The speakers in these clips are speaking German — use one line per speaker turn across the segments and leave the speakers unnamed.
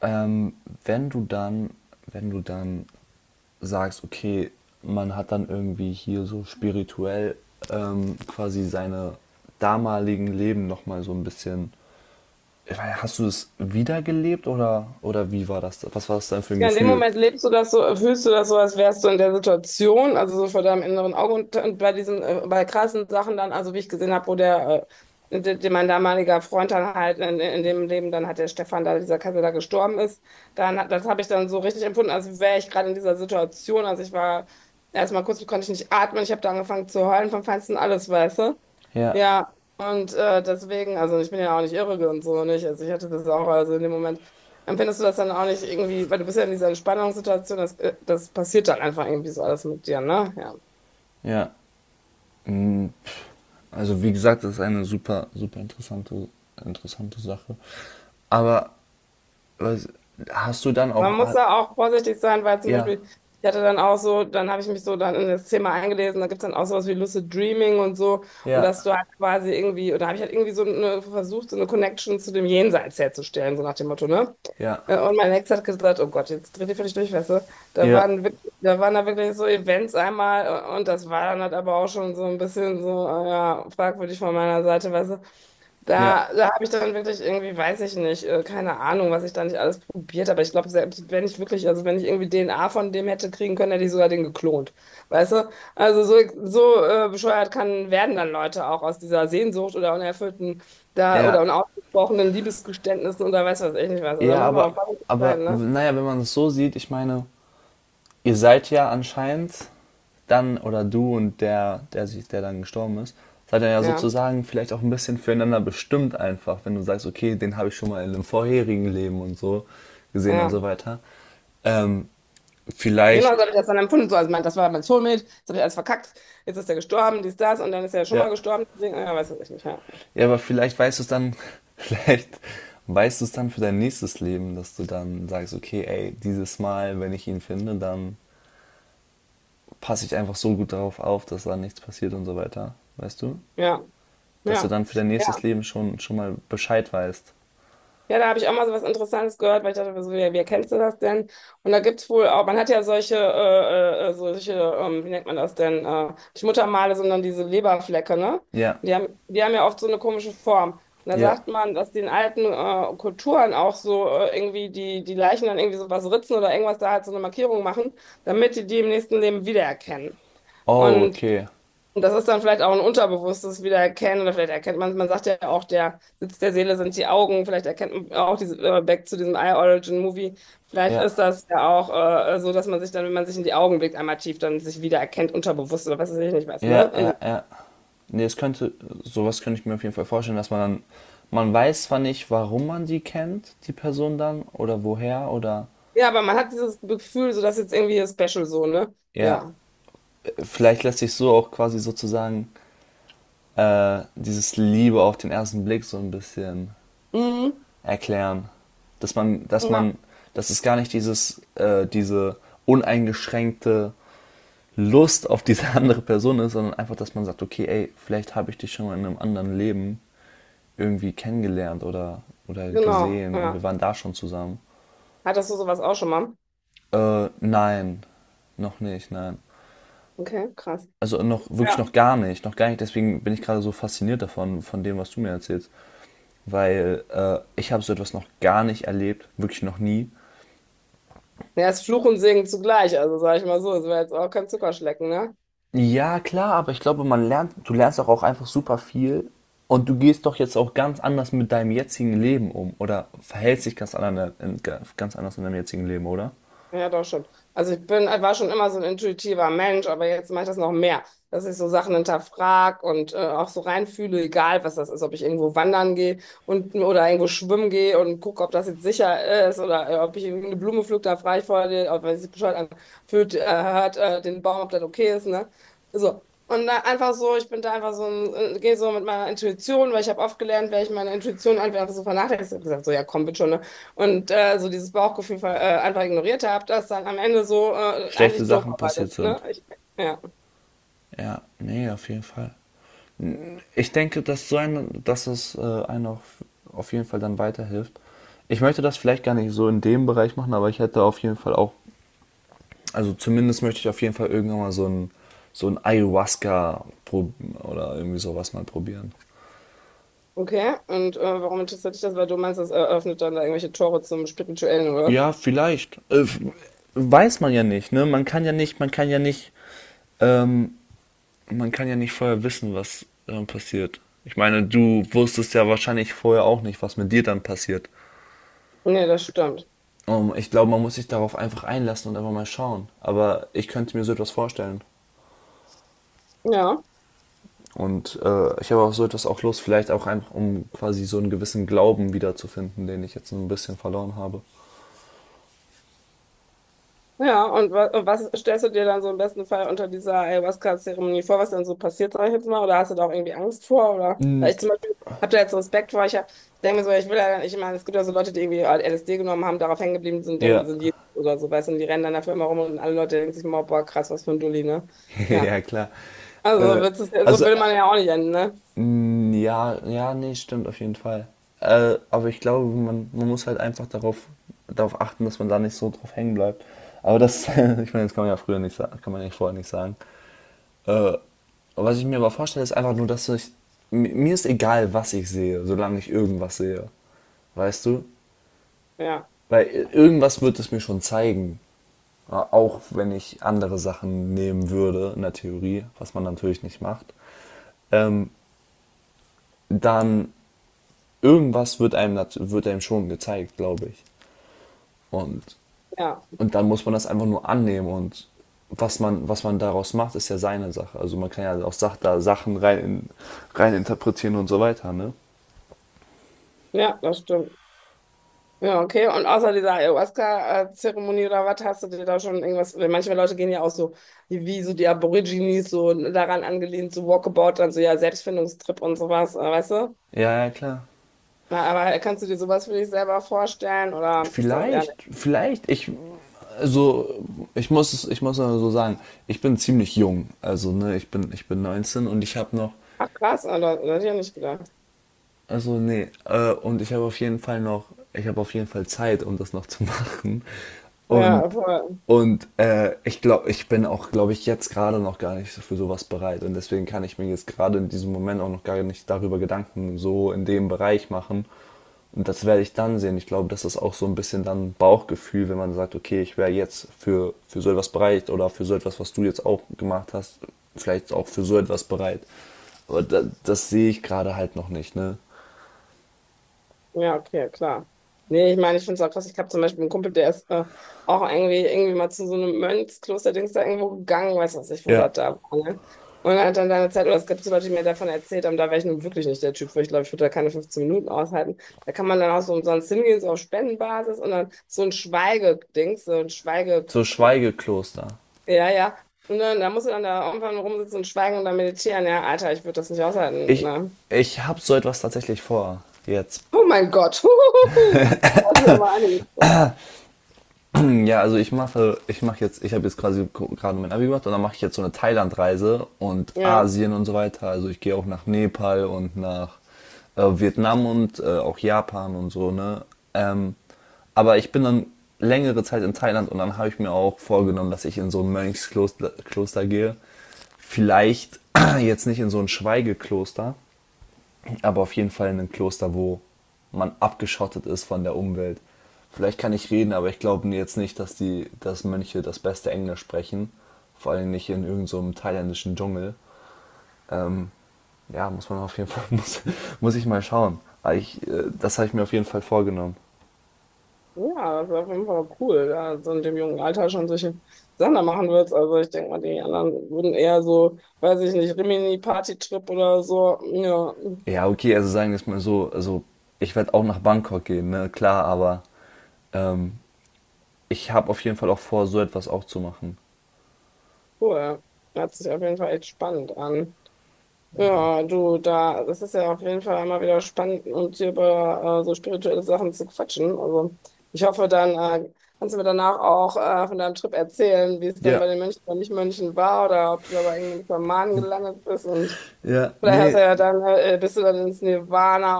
Ähm, wenn du dann, wenn du dann sagst, okay, man hat dann irgendwie hier so spirituell quasi seine damaligen Leben nochmal so ein bisschen. Ich weiß, hast du es wiedergelebt oder wie war das? Was war das dann für ein
Ja, in dem
Gefühl?
Moment lebst du das so, fühlst du das so, als wärst du in der Situation, also so vor deinem inneren Auge und bei bei krassen Sachen dann, also wie ich gesehen habe, wo mein damaliger Freund dann halt in dem Leben, dann hat der Stefan da, dieser Kassel da gestorben ist, das habe ich dann so richtig empfunden, als wäre ich gerade in dieser Situation, also ich war erstmal kurz, konnte ich nicht atmen, ich habe da angefangen zu heulen vom Feinsten alles, weißt du?
Ja,
Ja, und deswegen, also ich bin ja auch nicht irre und so nicht. Also ich hatte das auch, also in dem Moment empfindest du das dann auch nicht irgendwie, weil du bist ja in dieser Entspannungssituation, das passiert dann einfach irgendwie so alles mit dir, ne? Ja.
ja. Mm. Also wie gesagt, das ist eine super, super interessante Sache. Aber was, hast du dann
Man
auch...
muss da auch vorsichtig sein, weil zum
ja,
Beispiel, ich hatte dann auch so, dann habe ich mich so dann in das Thema eingelesen, da gibt es dann auch sowas wie Lucid Dreaming und so, und
ja,
dass du halt quasi irgendwie, oder habe ich halt irgendwie so eine, versucht, so eine Connection zu dem Jenseits herzustellen, so nach dem Motto, ne?
ja,
Und mein Ex hat gesagt, oh Gott, jetzt dreht ihr völlig durch, weißt du?
ja,
Da waren da wirklich so Events einmal und das war dann halt aber auch schon so ein bisschen so, ja, fragwürdig von meiner Seite, weißt du?
ja.
Da habe ich dann wirklich irgendwie, weiß ich nicht, keine Ahnung, was ich da nicht alles probiert habe. Ich glaube, selbst wenn ich wirklich, also wenn ich irgendwie DNA von dem hätte kriegen können, hätte ich sogar den geklont. Weißt du? Also so, so bescheuert kann, werden dann Leute auch aus dieser Sehnsucht oder unerfüllten da oder
Ja.
unausgesprochenen Liebesgeständnissen oder weiß was ich nicht was. Also da
Ja,
muss man
aber,
auch vorsichtig
aber
sein, ne?
naja, wenn man es so sieht, ich meine, ihr seid ja anscheinend dann, oder du und der dann gestorben ist, seid ihr ja
Ja,
sozusagen vielleicht auch ein bisschen füreinander bestimmt einfach, wenn du sagst, okay, den habe ich schon mal in einem vorherigen Leben und so gesehen und so
ja.
weiter. Ähm,
Genau so
vielleicht,
habe ich das dann empfunden. So, also mein, das war mein Soulmate, jetzt habe ich alles verkackt, jetzt ist er gestorben, dies, das, und dann ist er schon
ja,
mal gestorben. Deswegen, ja, weiß was ich nicht. Ja.
ja, aber vielleicht weißt du es dann, vielleicht weißt du es dann für dein nächstes Leben, dass du dann sagst, okay, ey, dieses Mal, wenn ich ihn finde, dann passe ich einfach so gut darauf auf, dass da nichts passiert und so weiter. Weißt du?
Ja.
Dass du
Ja.
dann für dein nächstes Leben schon mal Bescheid weißt.
Ja, da habe ich auch mal so was Interessantes gehört, weil ich dachte, so, wer kennst du das denn? Und da gibt's wohl auch, man hat ja solche, solche, wie nennt man das denn? Nicht Muttermale, sondern diese Leberflecke, ne?
Ja,
Die haben ja oft so eine komische Form. Und da
ja.
sagt man, dass die in alten Kulturen auch so irgendwie die Leichen dann irgendwie so was ritzen oder irgendwas da halt so eine Markierung machen, damit die die im nächsten Leben wiedererkennen.
Oh,
Und
okay.
und das ist dann vielleicht auch ein unterbewusstes Wiedererkennen oder vielleicht erkennt man, man sagt ja auch, der Sitz der Seele sind die Augen, vielleicht erkennt man auch diese, back zu diesem Eye-Origin-Movie, vielleicht
Ja,
ist das ja auch so, dass man sich dann, wenn man sich in die Augen blickt, einmal tief dann sich wiedererkennt, unterbewusst oder was weiß ich nicht was,
ja,
ne? Also,
ja, ja. Nee, es könnte, sowas könnte ich mir auf jeden Fall vorstellen, dass man dann, man weiß zwar nicht, warum man die kennt, die Person dann, oder woher, oder,
ja, aber man hat dieses Gefühl, so dass jetzt irgendwie special so, ne?
ja,
Ja.
vielleicht lässt sich so auch quasi sozusagen dieses Liebe auf den ersten Blick so ein bisschen
Mhm.
erklären. Dass man, dass
Ja,
man, dass es gar nicht diese uneingeschränkte Lust auf diese andere Person ist, sondern einfach, dass man sagt, okay, ey, vielleicht habe ich dich schon mal in einem anderen Leben irgendwie kennengelernt oder
genau,
gesehen und wir
ja.
waren da schon zusammen.
Hattest du sowas auch schon mal?
Nein, noch nicht, nein.
Okay, krass.
Also noch wirklich
Ja,
noch gar nicht. Deswegen bin ich gerade so fasziniert davon, von dem, was du mir erzählst, weil ich habe so etwas noch gar nicht erlebt, wirklich noch nie.
ja, ist Fluch und Segen zugleich, also sag ich mal so, es war jetzt auch kein Zuckerschlecken, ne?
Ja, klar, aber ich glaube, man lernt, du lernst doch auch einfach super viel und du gehst doch jetzt auch ganz anders mit deinem jetzigen Leben um oder verhältst dich ganz anders in deinem jetzigen Leben, oder?
Ja, doch schon. Also ich bin, war schon immer so ein intuitiver Mensch, aber jetzt mache ich das noch mehr, dass ich so Sachen hinterfrag und auch so reinfühle, egal was das ist, ob ich irgendwo wandern gehe und oder irgendwo schwimmen gehe und gucke, ob das jetzt sicher ist oder ob ich irgendeine Blume pflück, da frage ich vorher, den, ob wenn sich bescheuert anfühlt, hört den Baum, ob das okay ist, ne? So. Und da einfach so, ich bin da einfach so, gehe so mit meiner Intuition, weil ich habe oft gelernt, wenn ich meine Intuition einfach so vernachlässige, ich hab gesagt, so ja komm, bitte schon, ne? Und so dieses Bauchgefühl einfach ignoriert habe, das dann am Ende so
Schlechte
eigentlich doof
Sachen passiert
arbeitet. Ne?
sind.
Ich, ja,
Ja, nee, auf jeden Fall. Ich denke, dass so ein, dass es einem auf jeden Fall dann weiterhilft. Ich möchte das vielleicht gar nicht so in dem Bereich machen, aber ich hätte auf jeden Fall auch, also zumindest möchte ich auf jeden Fall irgendwann mal so ein oder irgendwie sowas mal probieren.
okay. Und warum interessiert dich das? Weil du meinst, das eröffnet dann da irgendwelche Tore zum Spirituellen oder was?
Ja, vielleicht. Weiß man ja nicht, ne? Man kann ja nicht, man kann ja nicht, ähm, man kann ja nicht vorher wissen, was passiert. Ich meine, du wusstest ja wahrscheinlich vorher auch nicht, was mit dir dann passiert.
Nee, das stimmt.
Ich glaube, man muss sich darauf einfach einlassen und einfach mal schauen. Aber ich könnte mir so etwas vorstellen.
Ja.
Und ich habe auch so etwas auch Lust, vielleicht auch einfach, um quasi so einen gewissen Glauben wiederzufinden, den ich jetzt so ein bisschen verloren habe.
Ja, und wa und was stellst du dir dann so im besten Fall unter dieser Ayahuasca-Zeremonie vor, was dann so passiert, sag ich jetzt mal, oder hast du da auch irgendwie Angst vor, oder? Weil
Mm.
ich zum Beispiel habe da jetzt so Respekt vor, ich hab, denke mir so, ich will ja, ich meine, es gibt ja so Leute, die irgendwie LSD genommen haben, darauf hängen geblieben sind und denken, die
Ja,
sind Jesus oder so, weißt du, und die rennen dann dafür immer rum und alle Leute denken sich immer, boah, krass, was für ein Dulli, ne? Ja,
ja klar.
also so
Äh,
wird's, so
also
will man ja auch nicht enden, ne?
mm. Ja, ja, nee, stimmt auf jeden Fall. Aber ich glaube, man muss halt einfach darauf achten, dass man da nicht so drauf hängen bleibt. Aber das, ich meine, das kann man ja früher nicht sagen, kann man ja vorher nicht sagen. Äh, was ich mir aber vorstelle, ist einfach nur, mir ist egal, was ich sehe, solange ich irgendwas sehe. Weißt du?
Ja,
Weil irgendwas wird es mir schon zeigen. Auch wenn ich andere Sachen nehmen würde, in der Theorie, was man natürlich nicht macht. Ähm, dann irgendwas wird einem, wird einem schon gezeigt, glaube ich. Und,
ja,
und dann muss man das einfach nur annehmen und was man daraus macht, ist ja seine Sache. Also man kann ja auch Sachen rein interpretieren und so weiter, ne?
ja, das stimmt. Ja, okay. Und außer dieser Ayahuasca-Zeremonie oder was, hast du dir da schon irgendwas? Weil manche Leute gehen ja auch so, wie so die Aborigines, so daran angelehnt, so Walkabout, dann so ja, Selbstfindungstrip und sowas, weißt du?
Ja, ja, klar.
Na, aber kannst du dir sowas für dich selber vorstellen oder ist das eher nicht?
Vielleicht, vielleicht, ich, also, ich muss es, ich muss mal so sagen, ich bin ziemlich jung. Also, ne, ich bin 19 und ich habe noch.
Ach, krass, oder hätte ich ja nicht gedacht.
Also nee, und ich habe auf jeden Fall noch, ich habe auf jeden Fall Zeit, um das noch zu machen. Und
Ja, voll.
und ich glaube, ich bin auch, glaube ich, jetzt gerade noch gar nicht so für sowas bereit. Und deswegen kann ich mir jetzt gerade in diesem Moment auch noch gar nicht darüber Gedanken so in dem Bereich machen. Und das werde ich dann sehen. Ich glaube, das ist auch so ein bisschen dann Bauchgefühl, wenn man sagt, okay, ich wäre jetzt für so etwas bereit oder für so etwas, was du jetzt auch gemacht hast, vielleicht auch für so etwas bereit. Aber das, das sehe ich gerade halt noch nicht, ne?
Ja, okay, ja, klar. Nee, ich meine, ich finde es auch krass. Ich habe zum Beispiel einen Kumpel, der ist auch irgendwie mal zu so einem Mönchskloster-Dings da irgendwo gegangen, weiß was ich, wo
Ja,
das da war. Ne? Und er hat dann da eine Zeit, oder es gibt so Leute, die mir davon erzählt haben, da wäre ich nun wirklich nicht der Typ für. Ich glaube, ich würde da keine 15 Minuten aushalten. Da kann man dann auch so umsonst hingehen, so auf Spendenbasis und dann so ein Schweigedings, so ein Schweige.
so Schweigekloster.
Ja, ja. Und dann, da musst du dann da irgendwann rumsitzen und schweigen und dann meditieren. Ja, Alter, ich würde das nicht aushalten.
Ich,
Ne?
ich habe so etwas tatsächlich vor jetzt.
Oh mein Gott. Das ist aber einiges.
Ja, also ich mache jetzt, ich habe jetzt quasi gerade mein Abi gemacht und dann mache ich jetzt so eine Thailandreise und
Ja.
Asien und so weiter. Also ich gehe auch nach Nepal und nach Vietnam und auch Japan und so, ne? Ähm, aber ich bin dann längere Zeit in Thailand und dann habe ich mir auch vorgenommen, dass ich in so ein Mönchskloster Kloster gehe. Vielleicht jetzt nicht in so ein Schweigekloster, aber auf jeden Fall in einem Kloster, wo man abgeschottet ist von der Umwelt. Vielleicht kann ich reden, aber ich glaube jetzt nicht, dass Mönche das beste Englisch sprechen. Vor allem nicht in irgendeinem so thailändischen Dschungel. Ähm, ja, muss man auf jeden Fall, muss ich mal schauen. Ich, das habe ich mir auf jeden Fall vorgenommen.
Ja, das ist auf jeden Fall cool, da so in dem jungen Alter schon solche Sachen da machen würdest. Also ich denke mal, die anderen würden eher so, weiß ich nicht, Rimini-Party-Trip oder so. Ja,
Ja, okay, also sagen wir es mal so, also ich werde auch nach Bangkok gehen, ne? Klar, aber ähm, ich habe auf jeden Fall auch vor, so etwas auch zu machen.
cool. Hört sich auf jeden Fall echt spannend an. Ja, du, da, das ist ja auf jeden Fall immer wieder spannend, und dir über so spirituelle Sachen zu quatschen. Also ich hoffe, dann äh, kannst du mir danach auch von deinem Trip erzählen, wie es dann
Ja.
bei den Mönchen oder Nicht-Mönchen war oder ob du da bei irgendeinem Schamanen gelandet bist und
Ja,
vielleicht hast du
nee,
ja dann, bist du dann ins Nirvana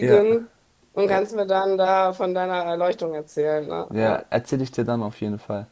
ja.
und
Ja.
kannst mir dann da von deiner Erleuchtung erzählen, ne?
Ja,
Ja.
erzähle ich dir dann auf jeden Fall.